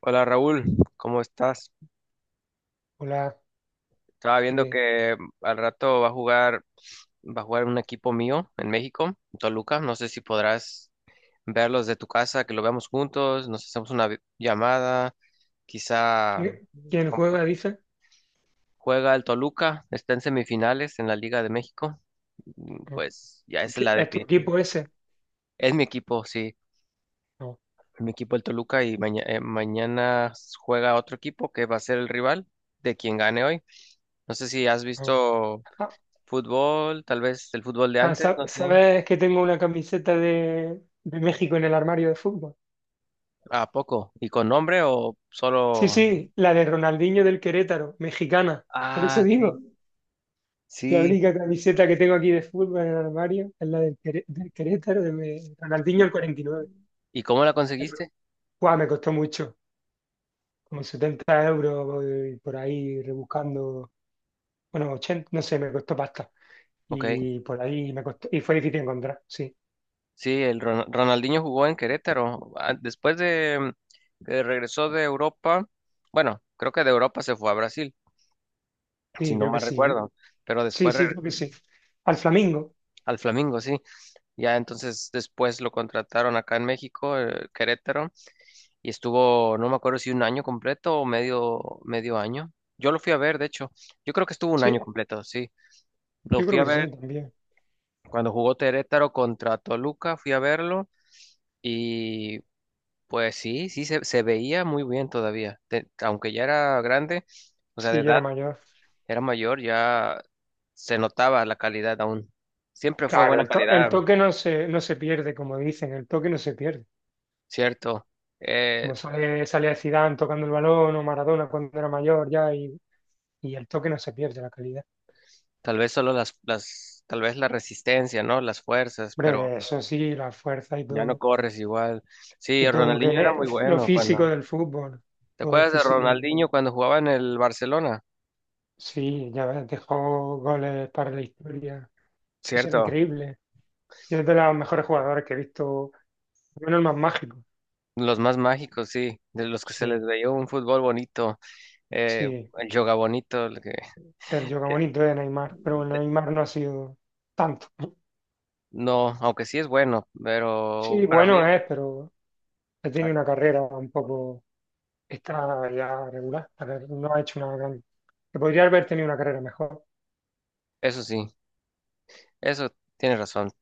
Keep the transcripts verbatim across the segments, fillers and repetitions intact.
Hola Raúl, ¿cómo estás? Hola, Estaba viendo ¿qué- que al rato va a jugar, va a jugar un equipo mío en México, en Toluca. No sé si podrás verlos de tu casa, que lo veamos juntos, nos hacemos una vi- llamada, quizá qué- ¿quién compa- juega? Dice. juega el Toluca, está en semifinales en la Liga de México. Mm, No. Pues ya esa es ¿Qué- la ¿Es tu definitiva. equipo ese? Es mi equipo, sí, No, es mi equipo el Toluca y maña- eh, mañana juega otro equipo que va a ser el rival de quien gane hoy. No sé si has no. visto Ah, fútbol, tal vez el fútbol de ah, antes, sa- no sé. ¿sabes que tengo una camiseta de, de México en el armario de fútbol? ¿A poco? ¿Y con nombre o Sí, solo? sí, la de Ronaldinho del Querétaro, mexicana. Por eso Ah, sí. digo, la Sí. única camiseta que tengo aquí de fútbol en el armario es la del, Queré- del Querétaro, de me- Ronaldinho ¿Y, el cuarenta y nueve. y cómo la Me co- conseguiste? Guau, me costó mucho, como setenta euros voy por ahí rebuscando, bueno, ochenta, no sé, me costó pasta. Ok. Y por ahí me costó, y fue difícil encontrar, sí, Sí, el Ron- Ronaldinho jugó en Querétaro. Ah, después de mm, que regresó de Europa, bueno, creo que de Europa se fue a Brasil, si sí, no creo que mal sí. recuerdo. Pero Sí, después re- sí, creo que sí. Al Flamingo, al Flamengo, sí. Ya entonces después lo contrataron acá en México, eh, Querétaro. Y estuvo, no me acuerdo si un año completo o medio, medio año. Yo lo fui a ver, de hecho, yo creo que estuvo un año sí, completo, sí. Lo yo fui creo a que sí ver también. cuando jugó Terétaro contra Toluca, fui a verlo y pues sí, sí, se, se veía muy bien todavía. Te- aunque ya era grande, o sea, de Sí, yo era edad, mayor. era mayor, ya se notaba la calidad aún. Siempre fue Claro, buena el, to- el calidad, toque no se, no se pierde, como dicen, el toque no se pierde. cierto. Eh, Como sale, sale Zidane tocando el balón o Maradona cuando era mayor ya, y, y el toque no se pierde, la calidad. Tal vez solo las, las, tal vez la resistencia, ¿no? Las fuerzas, pero Hombre, eso sí, la fuerza y ya no todo, corres igual. y Sí, todo lo que Ronaldinho era ne- muy lo bueno físico cuando. del fútbol, ¿Te todo lo acuerdas de físico. Ronaldinho cuando jugaba en el Barcelona? Sí, ya ves, dejó goles para la historia. Eso era Cierto, increíble. Yo es de los mejores jugadores que he visto, al menos el más mágico. los más mágicos, sí, de los que se les Sí, veía un fútbol bonito, eh, sí, el yoga bonito, el que el Joga que- bonito de Neymar, pero bueno, Neymar no ha sido tanto. no, aunque sí es bueno, pero Sí, para bueno mí, es, pero ha tenido una carrera un poco, está ya regular, a ver, no ha hecho una gran... Que podría haber tenido una carrera mejor. eso sí, eso tienes razón.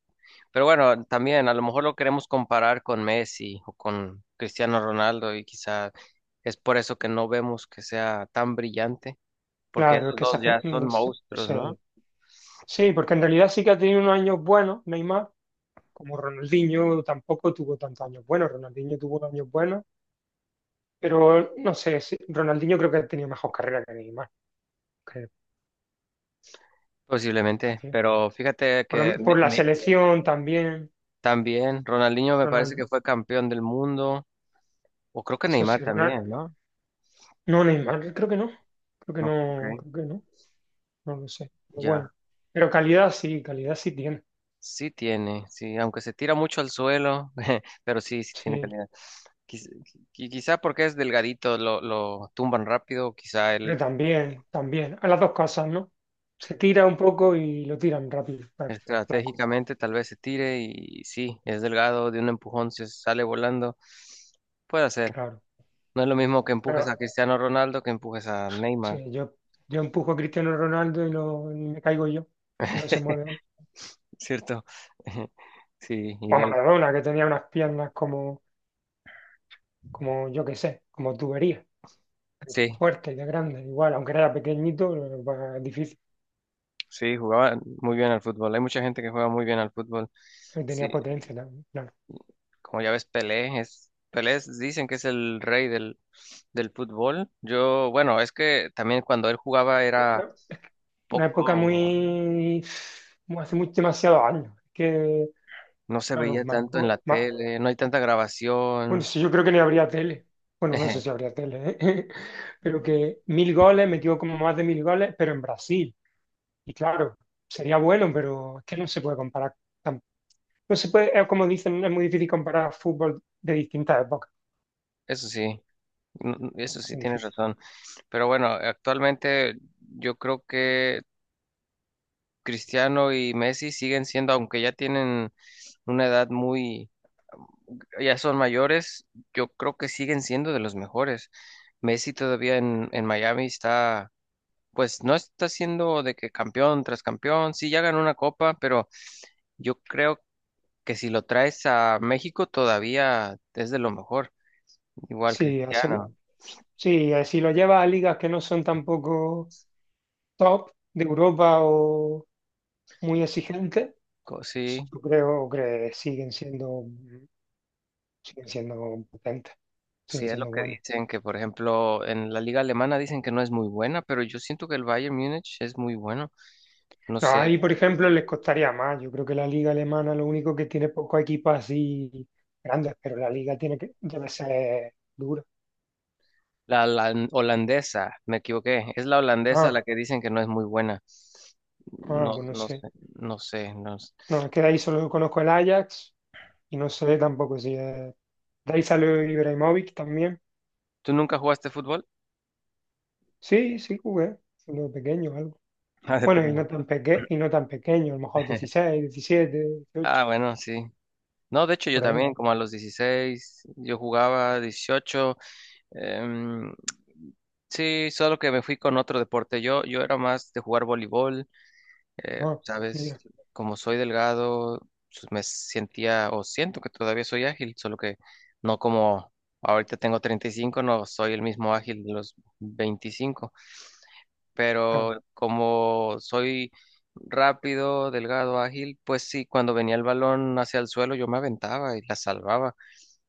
Pero bueno, también a lo mejor lo queremos comparar con Messi o con Cristiano Ronaldo y quizá es por eso que no vemos que sea tan brillante, porque Claro, es esos que esa dos ya gente, son no sé, monstruos, ¿no? sí, sí, porque en realidad sí que ha tenido unos años buenos, Neymar, como Ronaldinho tampoco tuvo tantos años buenos, Ronaldinho tuvo unos años buenos, pero no sé, sí, Ronaldinho creo que ha tenido mejor carrera que Neymar. Que, en Posiblemente, fin, pero fíjate por, que lo- por ne- la ne- selección también. también Ronaldinho me parece Ronald, que fue campeón del mundo, o creo que Eso sí, Neymar Ronald- también, ¿no? no, Neymar, creo que no, creo que No, ok, no, creo que no, no lo sé, pero bueno, ya. pero calidad sí, calidad sí tiene, Sí tiene, sí, aunque se tira mucho al suelo, pero sí, sí tiene sí, calidad. Quiz- qui- Quizá, porque es delgadito, lo, lo tumban rápido, quizá pero él también, también, a las dos cosas, ¿no? Se tira un poco y lo tiran rápido, pa- flaco, estratégicamente tal vez se tire y sí, es delgado, de un empujón se sale volando, puede ser. claro, No es lo mismo que empujes pero a Cristiano Ronaldo que empujes a Neymar, sí, yo, yo empujo a Cristiano Ronaldo y, lo, y me caigo yo, y no se mueve él. ¿cierto? Sí, O a igual. Maradona, que tenía unas piernas como, como yo qué sé, como tubería. Sí, Fuerte, de grande, igual, aunque era pequeñito, lo que difícil, sí, jugaba muy bien al fútbol. Hay mucha gente que juega muy bien al fútbol. tenía Sí, potencia también, claro. como ya ves, Pelé es, Pelé es- dicen que es el rey del, del fútbol. Yo, bueno, es que también cuando él jugaba era Una una época poco, muy, muy- hace mucho, demasiados años. Que, no se claro, veía tanto en marcó, la ma- tele, no hay tanta bueno, grabación. sí, yo creo que ni habría tele, bueno, no sé si habría tele, ¿eh? Pero que mil goles, metió como más de mil goles, pero en Brasil, y claro, sería bueno, pero es que no se puede comparar. tan- No se puede, eh, como dicen, es muy difícil comparar fútbol de distintas épocas. Eso sí, n- n- eso sí, Muy tienes difícil. razón. Pero bueno, actualmente yo creo que Cristiano y Messi siguen siendo, aunque ya tienen una edad muy, ya son mayores, yo creo que siguen siendo de los mejores. Messi todavía en, en Miami está, pues no está siendo de que campeón tras campeón, sí ya ganó una copa, pero yo creo que si lo traes a México todavía es de lo mejor. Igual Sí, hace- Cristiano, sí, eh, si lo llevas a ligas que no son tampoco top de Europa o muy exigentes, co- pues, sí, yo creo que siguen siendo, siguen siendo potentes, sí siguen es lo siendo que buenos. dicen, que por ejemplo en la liga alemana dicen que no es muy buena, pero yo siento que el Bayern Múnich es muy bueno. No No, sé, ahí, por ejemplo, les costaría más. Yo creo que la liga alemana lo único que tiene poco equipos así grandes, pero la liga tiene que, debe ser dura. la, la holandesa, me equivoqué. Es la holandesa la Ah, que dicen que no es muy buena. ah, No, pues no no sé. sé, no sé, no sé. No, es que de ahí solo conozco el Ajax y no sé tampoco si es... De ahí salió Ibrahimovic también. ¿Tú nunca jugaste fútbol? Sí, sí jugué, cuando pequeño algo. Ah, de Bueno, y pequeño. no tan peque y no tan pequeño, a lo mejor dieciséis, diecisiete, dieciocho, Ah, bueno, sí. No, de hecho yo por ahí. también, como a los dieciséis yo jugaba dieciocho, em, sí, solo que me fui con otro deporte. Yo, yo era más de jugar voleibol. eh, Ah, Sabes, mira, como soy delgado, pues, me sentía o siento que todavía soy ágil, solo que no como ahorita, tengo treinta y cinco, no soy el mismo ágil de los veinticinco. ah, Pero como soy rápido, delgado, ágil, pues sí, cuando venía el balón hacia el suelo yo me aventaba y la salvaba.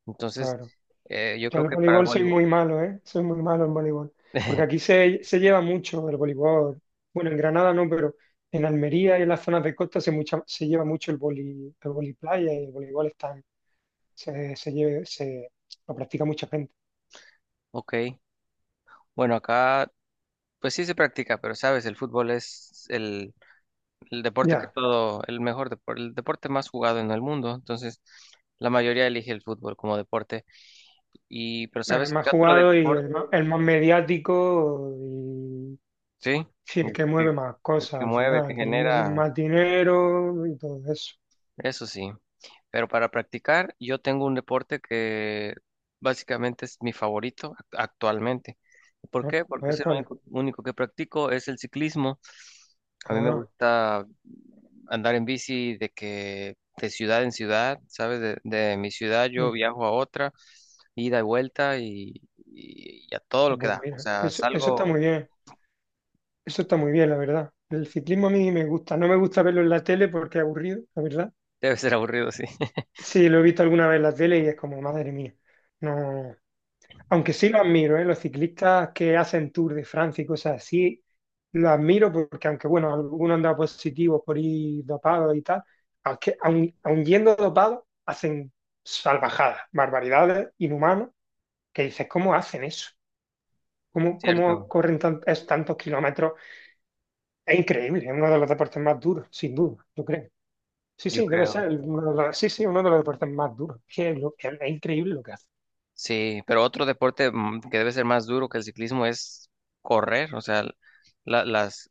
Entonces, claro. eh, yo Yo creo en el que para el voleibol soy voleibol, muy malo, ¿eh? Soy muy malo en voleibol. Porque aquí se, se lleva mucho el voleibol. Bueno, en Granada no, pero en Almería y en las zonas de costa se, mucha, se lleva mucho el voli, el voliplaya y el voleibol están, se, se, lle- se lo practica mucha gente. ok, bueno, acá pues sí se practica, pero sabes, el fútbol es el el deporte que Ya, todo, el mejor deporte, el deporte más jugado en el mundo. Entonces, la mayoría elige el fútbol como deporte. Y, pero el ¿sabes más qué otro jugado y deporte? el más, el más mediático. Sí, Sí, el el que que, mueve más el cosas que al mueve, el que final, dinero- genera, más dinero y todo eso. eso sí. Pero para practicar, yo tengo un deporte que básicamente es mi favorito act- actualmente. ¿Por ¿No? qué? A Porque ver es el cuál es. único, único que practico, es el ciclismo. A mí me Ah, gusta andar en bici de que de ciudad en ciudad, ¿sabes? De, de mi ciudad yo sí. viajo a otra, ida y vuelta y, y, y a todo Ah, lo que pues da. O mira, sea, eso, eso está muy salgo, bien, eso está muy bien, la verdad. El ciclismo a mí me gusta, no me gusta verlo en la tele porque es aburrido, la verdad. debe ser aburrido, sí. Sí, lo he visto alguna vez en la tele y es como, madre mía, no. Aunque sí lo admiro, ¿eh? Los ciclistas que hacen Tour de Francia y cosas así, lo admiro porque aunque, bueno, algunos han dado positivos por ir dopados y tal, aunque, aun, aun yendo dopados, hacen salvajadas, barbaridades, inhumanos, que dices, ¿cómo hacen eso? ¿Cómo, cómo Cierto, corren tan- es- tantos kilómetros? Es increíble, es uno de los deportes más duros, sin duda, yo creo. Sí, yo sí, debe ser, creo. el- uno de los- sí, sí, uno de los deportes más duros. Que es, lo- es, es increíble lo que hacen. Sí, pero otro deporte mm, que debe ser más duro que el ciclismo es correr, o sea, la- las,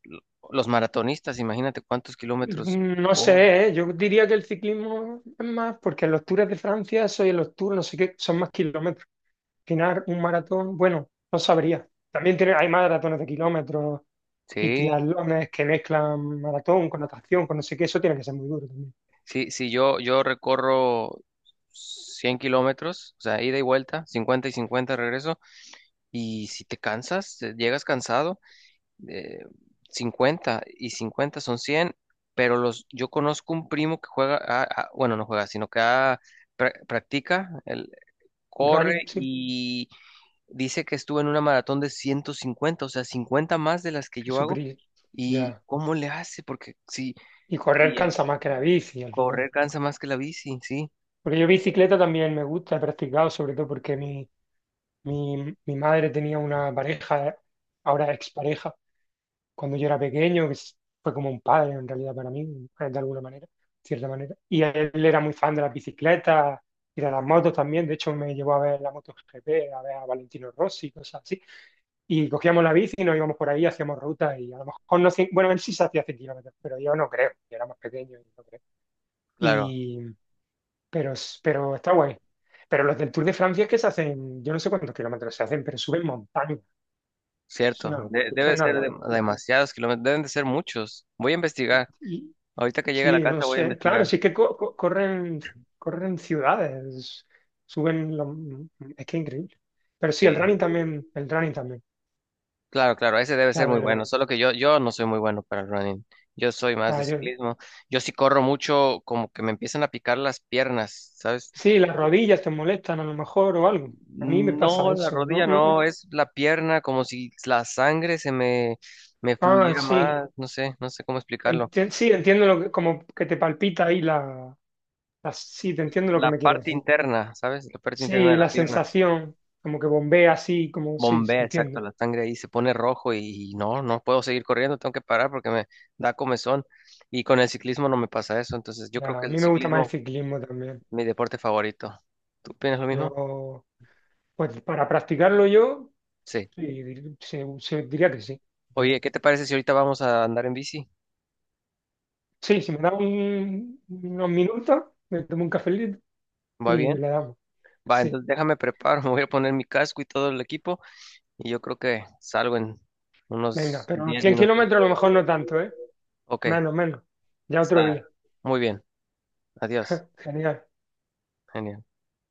los maratonistas, imagínate cuántos kilómetros Mm, No corren. sé, ¿eh? Yo diría que el ciclismo es más, porque en los Tours de Francia, eso en los Tours, no sé qué, son más kilómetros. Al final, un maratón, bueno, no sabría. También tiene, hay maratones de kilómetros y Sí, triatlones que mezclan maratón con natación, con no sé qué, eso tiene que ser muy duro también. sí, sí, yo, yo recorro cien kilómetros, o sea, ida y vuelta, cincuenta y cincuenta regreso, y si te cansas, eh, llegas cansado, eh, cincuenta y cincuenta son cien, pero los, yo conozco un primo que juega, a- a- bueno, no juega, sino que ha- pra- practica, Running, corre sí, y dice que estuvo en una maratón de ciento cincuenta, o sea, cincuenta más de las que yo hago. Jesucristo, ¿Y ya. cómo le hace? Porque si, Y correr si eh, cansa más que la bici al final. correr cansa más que la bici, sí, Porque yo bicicleta también me gusta, he practicado, sobre todo porque mi, mi, mi madre tenía una pareja, ahora expareja cuando yo era pequeño, que s- fue como un padre en realidad para mí, eh, de alguna manera, cierta manera. Y él era muy fan de las bicicletas y de las motos también. De hecho, me llevó a ver la MotoGP, a ver a Valentino Rossi, cosas así. Y cogíamos la bici y nos íbamos por ahí, hacíamos rutas y a lo mejor no cien- bueno, él sí se hacía cien kilómetros, pero yo no creo, yo era más pequeño y no creo. claro, Y, pero, s- pero está guay. Pero los del Tour de Francia es que se hacen, yo no sé cuántos kilómetros se hacen, pero suben montaña. Es una cierto. locura, De- es que Debe es una ser de- locura. demasiados kilómetros, deben de ser muchos. Voy a investigar. Y, Ahorita que llegue a la Sí, no casa voy a sé. Claro, investigar. sí que co- co- corren, corren ciudades, suben. lo- mm, mm, Es que increíble. Pero sí, Sí, el running también, el running también, claro, claro, ese debe la ser muy bueno. verdad. Solo que yo, yo, no soy muy bueno para el running. Yo soy más Ah, de yo- ciclismo. Yo sí corro mucho, como que me empiezan a picar las piernas, ¿sabes? sí, las rodillas te molestan a lo mejor o algo. A mí me pasa No, la eso, ¿no? rodilla No. no, es la pierna, como si la sangre se me, me Ah, fluyera sí. más, no sé, no sé cómo explicarlo. Enti- sí, entiendo lo que, como que te palpita ahí. la, la- Sí, te entiendo lo que La me quieres parte decir. interna, ¿sabes? La parte interna Sí, de la la pierna. sensación, como que bombea así, como sí, se Bombea, exacto, entiende. la sangre ahí se pone rojo y, y no, no puedo seguir corriendo, tengo que parar porque me da comezón. Y con el ciclismo no me pasa eso, entonces yo creo Ya, que a el mí me gusta más el ciclismo ciclismo también. es mi deporte favorito. ¿Tú piensas lo mismo? Yo... Pues para practicarlo yo, Sí. sí, dir- se, se- diría que sí, ¿verdad? Oye, ¿qué te parece si ahorita vamos a andar en bici? Sí, si me da un- unos minutos, me tomo un cafelito ¿Va y bien? le damos. Va, Sí, entonces déjame preparo, me voy a poner mi casco y todo el equipo. Y yo creo que salgo en venga, unos pero los diez cien minutos. kilómetros a lo mejor no tanto, ¿eh? Ok, Menos, menos. Ya otro está. día. Muy bien. Adiós. Genial. Genial.